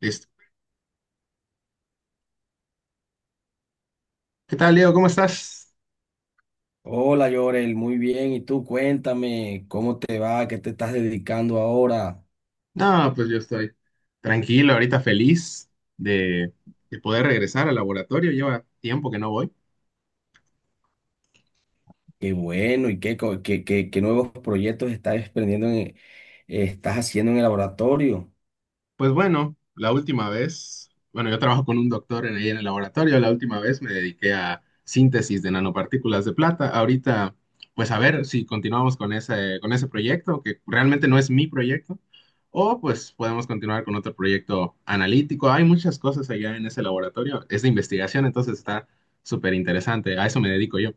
Listo. ¿Qué tal, Leo? ¿Cómo estás? Hola, Yorel, muy bien. ¿Y tú cuéntame cómo te va? ¿Qué te estás dedicando ahora? No, pues yo estoy tranquilo, ahorita feliz de, de poder regresar al laboratorio. Lleva tiempo que no voy. Qué bueno y qué, co- qué, qué, qué nuevos proyectos estás emprendiendo estás haciendo en el laboratorio. Pues bueno, la última vez, bueno, yo trabajo con un doctor ahí en el laboratorio, la última vez me dediqué a síntesis de nanopartículas de plata. Ahorita, pues a ver si continuamos con ese proyecto, que realmente no es mi proyecto, o pues podemos continuar con otro proyecto analítico. Hay muchas cosas allá en ese laboratorio, es de investigación, entonces está súper interesante. A eso me dedico yo.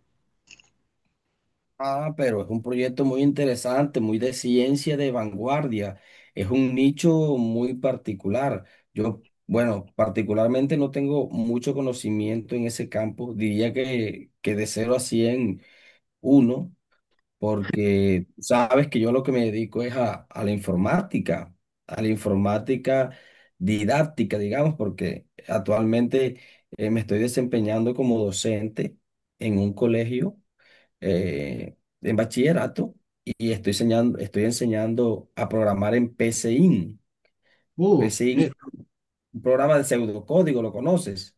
Ah, pero es un proyecto muy interesante, muy de ciencia de vanguardia. Es un nicho muy particular. Yo, bueno, particularmente no tengo mucho conocimiento en ese campo. Diría que de cero a 100 uno, porque sabes que yo lo que me dedico es a la informática didáctica, digamos, porque actualmente me estoy desempeñando como docente en un colegio, eh, en bachillerato y estoy enseñando a programar en PCIN. Uh, PCIN, un programa de pseudocódigo, ¿lo conoces?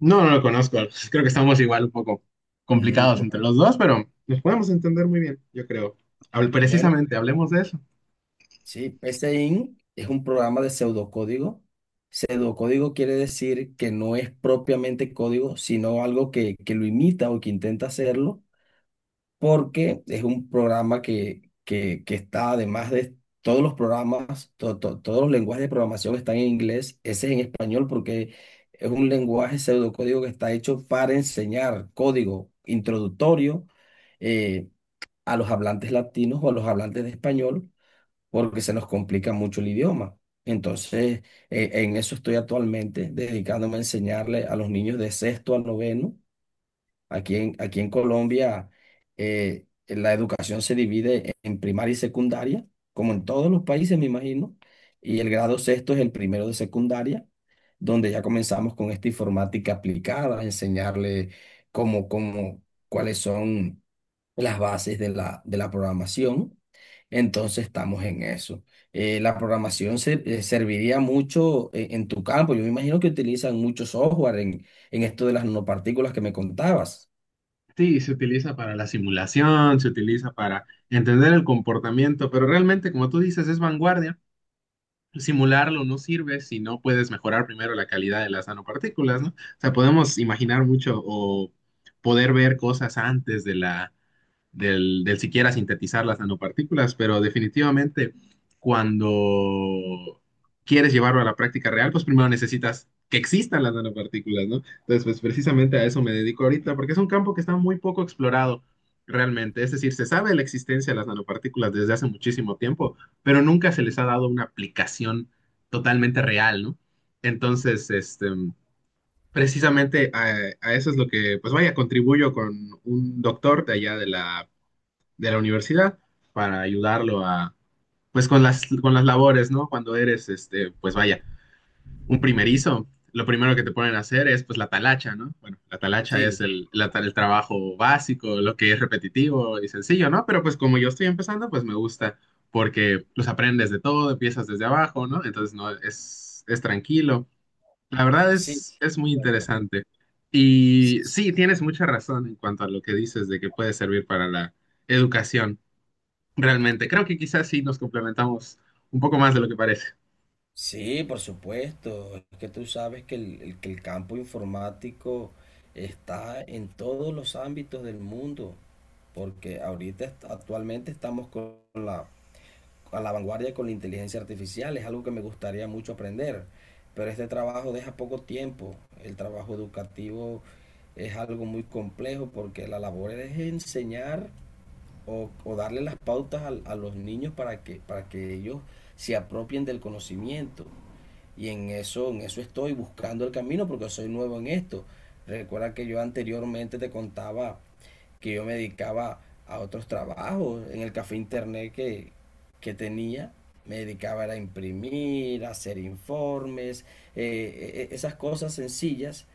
No, no lo conozco. Creo que estamos igual un poco Mm, complicados entre los dos, pero nos podemos entender muy bien, yo creo. Bueno, Precisamente, hablemos de eso. sí, PSeInt es un programa de pseudocódigo. Pseudocódigo quiere decir que no es propiamente código, sino algo que lo imita o que intenta hacerlo, porque es un programa que está, además de todos los programas, todos los lenguajes de programación están en inglés, ese es en español porque es un lenguaje pseudocódigo que está hecho para enseñar código introductorio eh, a los hablantes latinos o a los hablantes de español porque se nos complica mucho el idioma. Entonces, en eso estoy actualmente dedicándome a enseñarle a los niños de sexto a noveno. Aquí en Colombia la educación se divide en primaria y secundaria, como en todos los países, me imagino, y el grado sexto es el primero de secundaria, donde ya comenzamos con esta informática aplicada, enseñarle cómo, cómo, cuáles son las bases de de la programación. Entonces estamos en eso. Serviría mucho en tu campo. Yo me imagino que utilizan mucho software en esto de las nanopartículas que me contabas. Sí, se utiliza para la simulación, se utiliza para entender el comportamiento, pero realmente, como tú dices, es vanguardia. Simularlo no sirve si no puedes mejorar primero la calidad de las nanopartículas, ¿no? O sea, podemos imaginar mucho o poder ver cosas antes de la del siquiera sintetizar las nanopartículas, pero definitivamente cuando quieres llevarlo a la práctica real, pues primero necesitas que existan las nanopartículas, ¿no? Entonces, pues precisamente a eso me dedico ahorita, porque es un campo que está muy poco explorado realmente. Es decir, se sabe la existencia de las nanopartículas desde hace muchísimo tiempo, pero nunca se les ha dado una aplicación totalmente real, ¿no? Entonces, este, precisamente a eso es lo que, pues vaya, contribuyo con un doctor de allá de la universidad para ayudarlo a, pues con con las labores, ¿no? Cuando eres, este, pues vaya, un primerizo, lo primero que te ponen a hacer es pues la talacha, ¿no? Bueno, la talacha Sí, es el trabajo básico, lo que es repetitivo y sencillo, ¿no? Pero pues como yo estoy empezando, pues me gusta porque los aprendes de todo, empiezas desde abajo, ¿no? Entonces no es, es tranquilo. La verdad sí, es muy correcto. interesante. Sí, Y sí. sí, tienes mucha razón en cuanto a lo que dices de que puede servir para la educación. Realmente, creo que quizás sí nos complementamos un poco más de lo que parece. Sí, por supuesto. Es que tú sabes que que el campo informático está en todos los ámbitos del mundo, porque actualmente estamos con a la vanguardia con la inteligencia artificial. Es algo que me gustaría mucho aprender, pero este trabajo deja poco tiempo. El trabajo educativo es algo muy complejo porque la labor es enseñar o darle las pautas los niños para para que ellos se apropien del conocimiento. Y en eso estoy buscando el camino porque soy nuevo en esto. Recuerda que yo anteriormente te contaba que yo me dedicaba a otros trabajos en el café internet que tenía. Me dedicaba a imprimir, a hacer informes, esas cosas sencillas.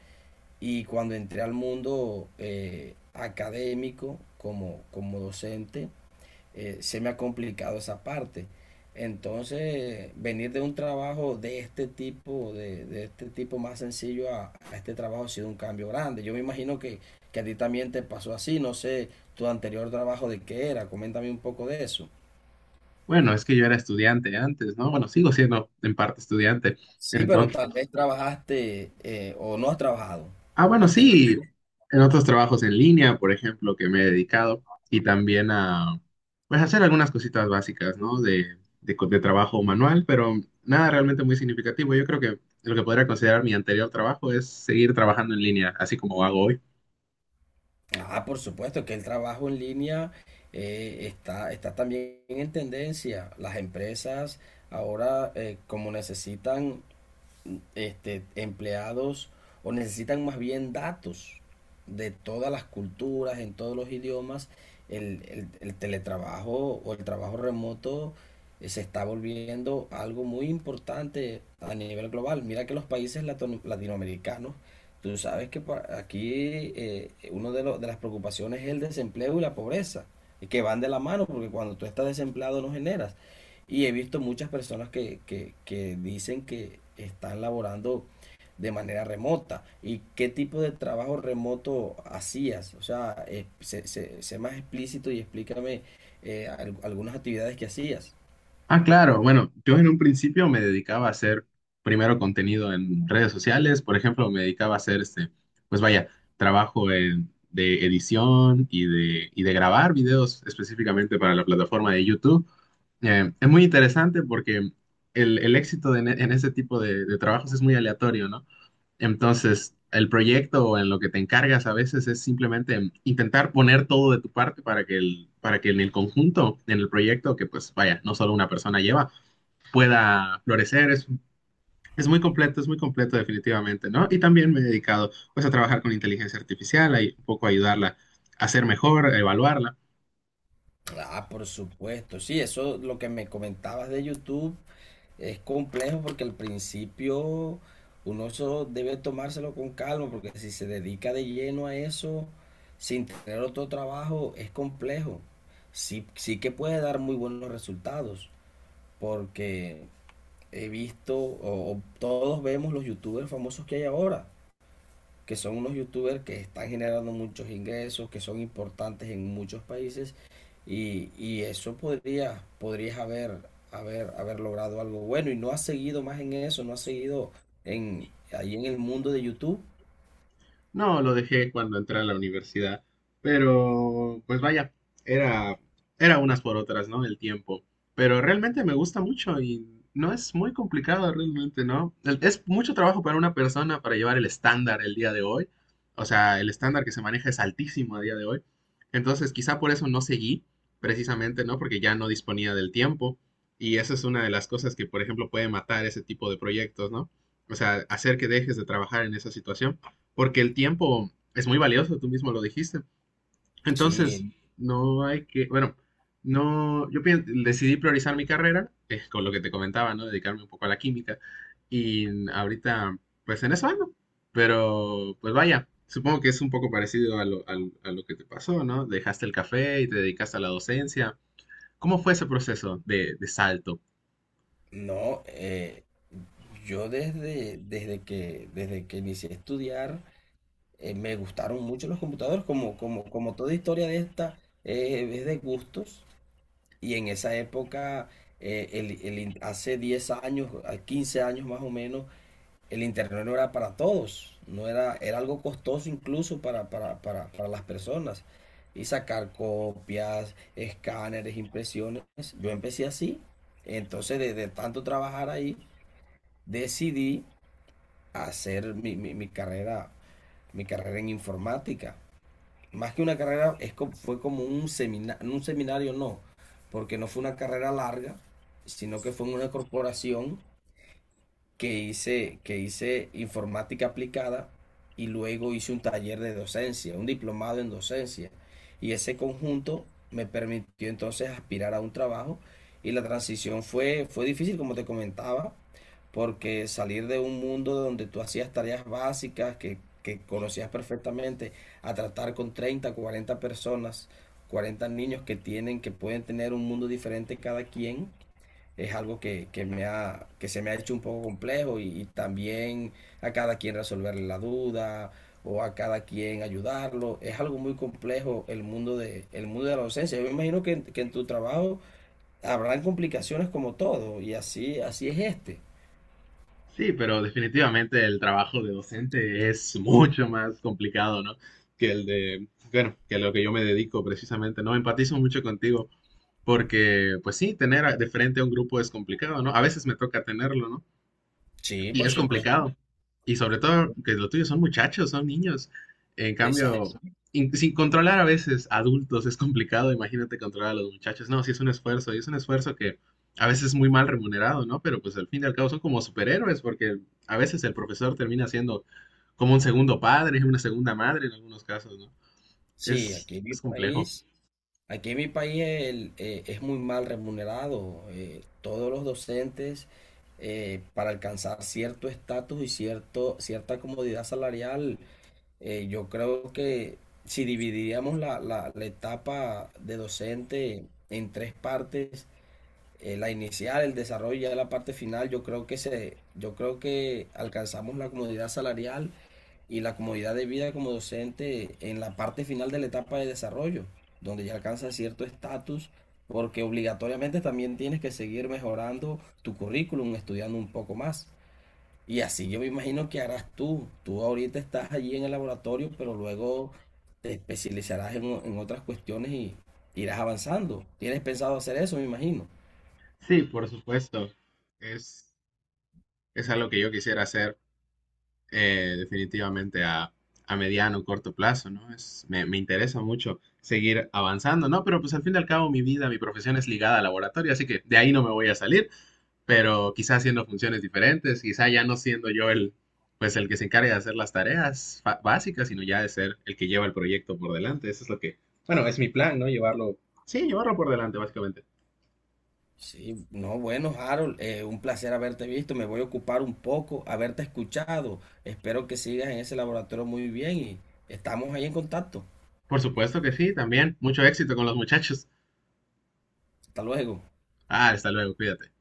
Y cuando entré al mundo académico como docente, se me ha complicado esa parte. Entonces, venir de un trabajo de este tipo, de este tipo más sencillo a este trabajo ha sido un cambio grande. Yo me imagino que a ti también te pasó así, no sé, tu anterior trabajo de qué era, coméntame un poco de eso. Bueno, es que yo era estudiante antes, ¿no? Bueno, sigo siendo en parte estudiante. Sí, pero Entonces, tal vez trabajaste, o no has trabajado ah, bueno, antes de sí, esto. en otros trabajos en línea, por ejemplo, que me he dedicado y también a, pues, hacer algunas cositas básicas, ¿no? De trabajo manual, pero nada realmente muy significativo. Yo creo que lo que podría considerar mi anterior trabajo es seguir trabajando en línea, así como hago hoy. Ah, por supuesto que el trabajo en línea está también en tendencia. Las empresas ahora, como necesitan, este, empleados o necesitan más bien datos de todas las culturas, en todos los idiomas, el teletrabajo o el trabajo remoto, se está volviendo algo muy importante a nivel global. Mira que los países latinoamericanos, tú sabes que pa- aquí uno de las preocupaciones es el desempleo y la pobreza, y que van de la mano porque cuando tú estás desempleado no generas. Y he visto muchas personas que dicen que están laborando de manera remota. ¿Y qué tipo de trabajo remoto hacías? O sea, sé más explícito y explícame algunas actividades que hacías. Ah, claro. Bueno, yo en un principio me dedicaba a hacer primero contenido en redes sociales. Por ejemplo, me dedicaba a hacer este, pues vaya, trabajo de edición y de grabar videos específicamente para la plataforma de YouTube. Es muy interesante porque el éxito en ese tipo de trabajos es muy aleatorio, ¿no? Entonces, el proyecto o en lo que te encargas a veces es simplemente intentar poner todo de tu parte para que en el conjunto, en el proyecto, que pues vaya, no solo una persona lleva pueda florecer. Es muy completo definitivamente, ¿no? Y también me he dedicado pues a trabajar con inteligencia artificial, a un poco ayudarla a ser mejor, a evaluarla. Ah, por supuesto, sí, eso lo que me comentabas de YouTube es complejo porque al principio uno eso debe tomárselo con calma, porque si se dedica de lleno a eso, sin tener otro trabajo, es complejo. Sí, sí que puede dar muy buenos resultados, porque he visto, o todos vemos los youtubers famosos que hay ahora, que son unos youtubers que están generando muchos ingresos, que son importantes en muchos países y eso podría, podrías haber logrado algo bueno y no has seguido más en eso, no has seguido ahí en el mundo de YouTube. No, lo dejé cuando entré a la universidad, pero pues vaya, era, era unas por otras, ¿no? El tiempo. Pero realmente me gusta mucho y no es muy complicado realmente, ¿no? Es mucho trabajo para una persona para llevar el estándar el día de hoy. O sea, el estándar que se maneja es altísimo a día de hoy. Entonces, quizá por eso no seguí, precisamente, ¿no? Porque ya no disponía del tiempo. Y esa es una de las cosas que, por ejemplo, puede matar ese tipo de proyectos, ¿no? O sea, hacer que dejes de trabajar en esa situación porque el tiempo es muy valioso, tú mismo lo dijiste. Entonces, Sí, no hay que, bueno, no, decidí priorizar mi carrera, con lo que te comentaba, ¿no? Dedicarme un poco a la química y ahorita, pues en eso ando, pero pues vaya, supongo que es un poco parecido a lo que te pasó, ¿no? Dejaste el café y te dedicaste a la docencia. ¿Cómo fue ese proceso de salto? no, yo desde que inicié a estudiar, me gustaron mucho los computadores, como toda historia de esta, es de gustos. Y en esa época, hace 10 años, a 15 años más o menos, el internet no era para todos, no era, era algo costoso incluso para las personas. Y sacar copias, escáneres, impresiones. Yo empecé así. Entonces, de tanto trabajar ahí, decidí hacer mi carrera en informática. Más que una carrera, es como, fue como un seminario no, porque no fue una carrera larga, sino que fue en una corporación que hice informática aplicada y luego hice un taller de docencia, un diplomado en docencia. Y ese conjunto me permitió entonces aspirar a un trabajo y la transición fue, fue difícil, como te comentaba, porque salir de un mundo donde tú hacías tareas básicas que conocías perfectamente a tratar con 30, 40 personas, 40 niños que tienen, que pueden tener un mundo diferente cada quien, es algo que se me ha hecho un poco complejo y también a cada quien resolverle la duda o a cada quien ayudarlo. Es algo muy complejo el mundo de la docencia. Yo me imagino que, que en tu trabajo habrán complicaciones como todo y así, así es este. Sí, pero definitivamente el trabajo de docente es mucho más complicado, ¿no? Que el de, bueno, que lo que yo me dedico precisamente, ¿no? Empatizo mucho contigo porque, pues sí, tener de frente a un grupo es complicado, ¿no? A veces me toca tenerlo, ¿no? Sí, Y por es supuesto. complicado. Y sobre todo que lo tuyo son muchachos, son niños. En cambio, Exacto. Sin controlar a veces adultos es complicado, imagínate controlar a los muchachos. No, sí es un esfuerzo, y es un esfuerzo que a veces es muy mal remunerado, ¿no? Pero pues al fin y al cabo son como superhéroes, porque a veces el profesor termina siendo como un segundo padre, una segunda madre en algunos casos, ¿no? Sí, Es complejo. Aquí en mi país es muy mal remunerado. Todos los docentes, para alcanzar cierto estatus y cierta comodidad salarial, yo creo que si dividiríamos la etapa de docente en tres partes, la inicial, el desarrollo y ya la parte final, yo creo yo creo que alcanzamos la comodidad salarial y la comodidad de vida como docente en la parte final de la etapa de desarrollo, donde ya alcanzas cierto estatus, porque obligatoriamente también tienes que seguir mejorando tu currículum, estudiando un poco más. Y así yo me imagino que harás tú. Tú ahorita estás allí en el laboratorio, pero luego te especializarás en otras cuestiones y irás avanzando. ¿Tienes pensado hacer eso, me imagino? Sí, por supuesto. Es, es algo que yo quisiera hacer definitivamente a mediano o corto plazo, ¿no? Me, interesa mucho seguir avanzando, ¿no? Pero pues al fin y al cabo mi vida, mi profesión es ligada al laboratorio, así que de ahí no me voy a salir, pero quizá haciendo funciones diferentes, quizá ya no siendo yo el, pues el que se encarga de hacer las tareas básicas, sino ya de ser el que lleva el proyecto por delante. Eso es lo que, bueno, es mi plan, ¿no? Llevarlo, sí, llevarlo por delante, básicamente. Sí, no, bueno, Harold, un placer haberte visto. Me voy a ocupar un poco, haberte escuchado. Espero que sigas en ese laboratorio muy bien y estamos ahí en contacto. Por supuesto que sí, también. Mucho éxito con los muchachos. Hasta luego. Ah, hasta luego, cuídate.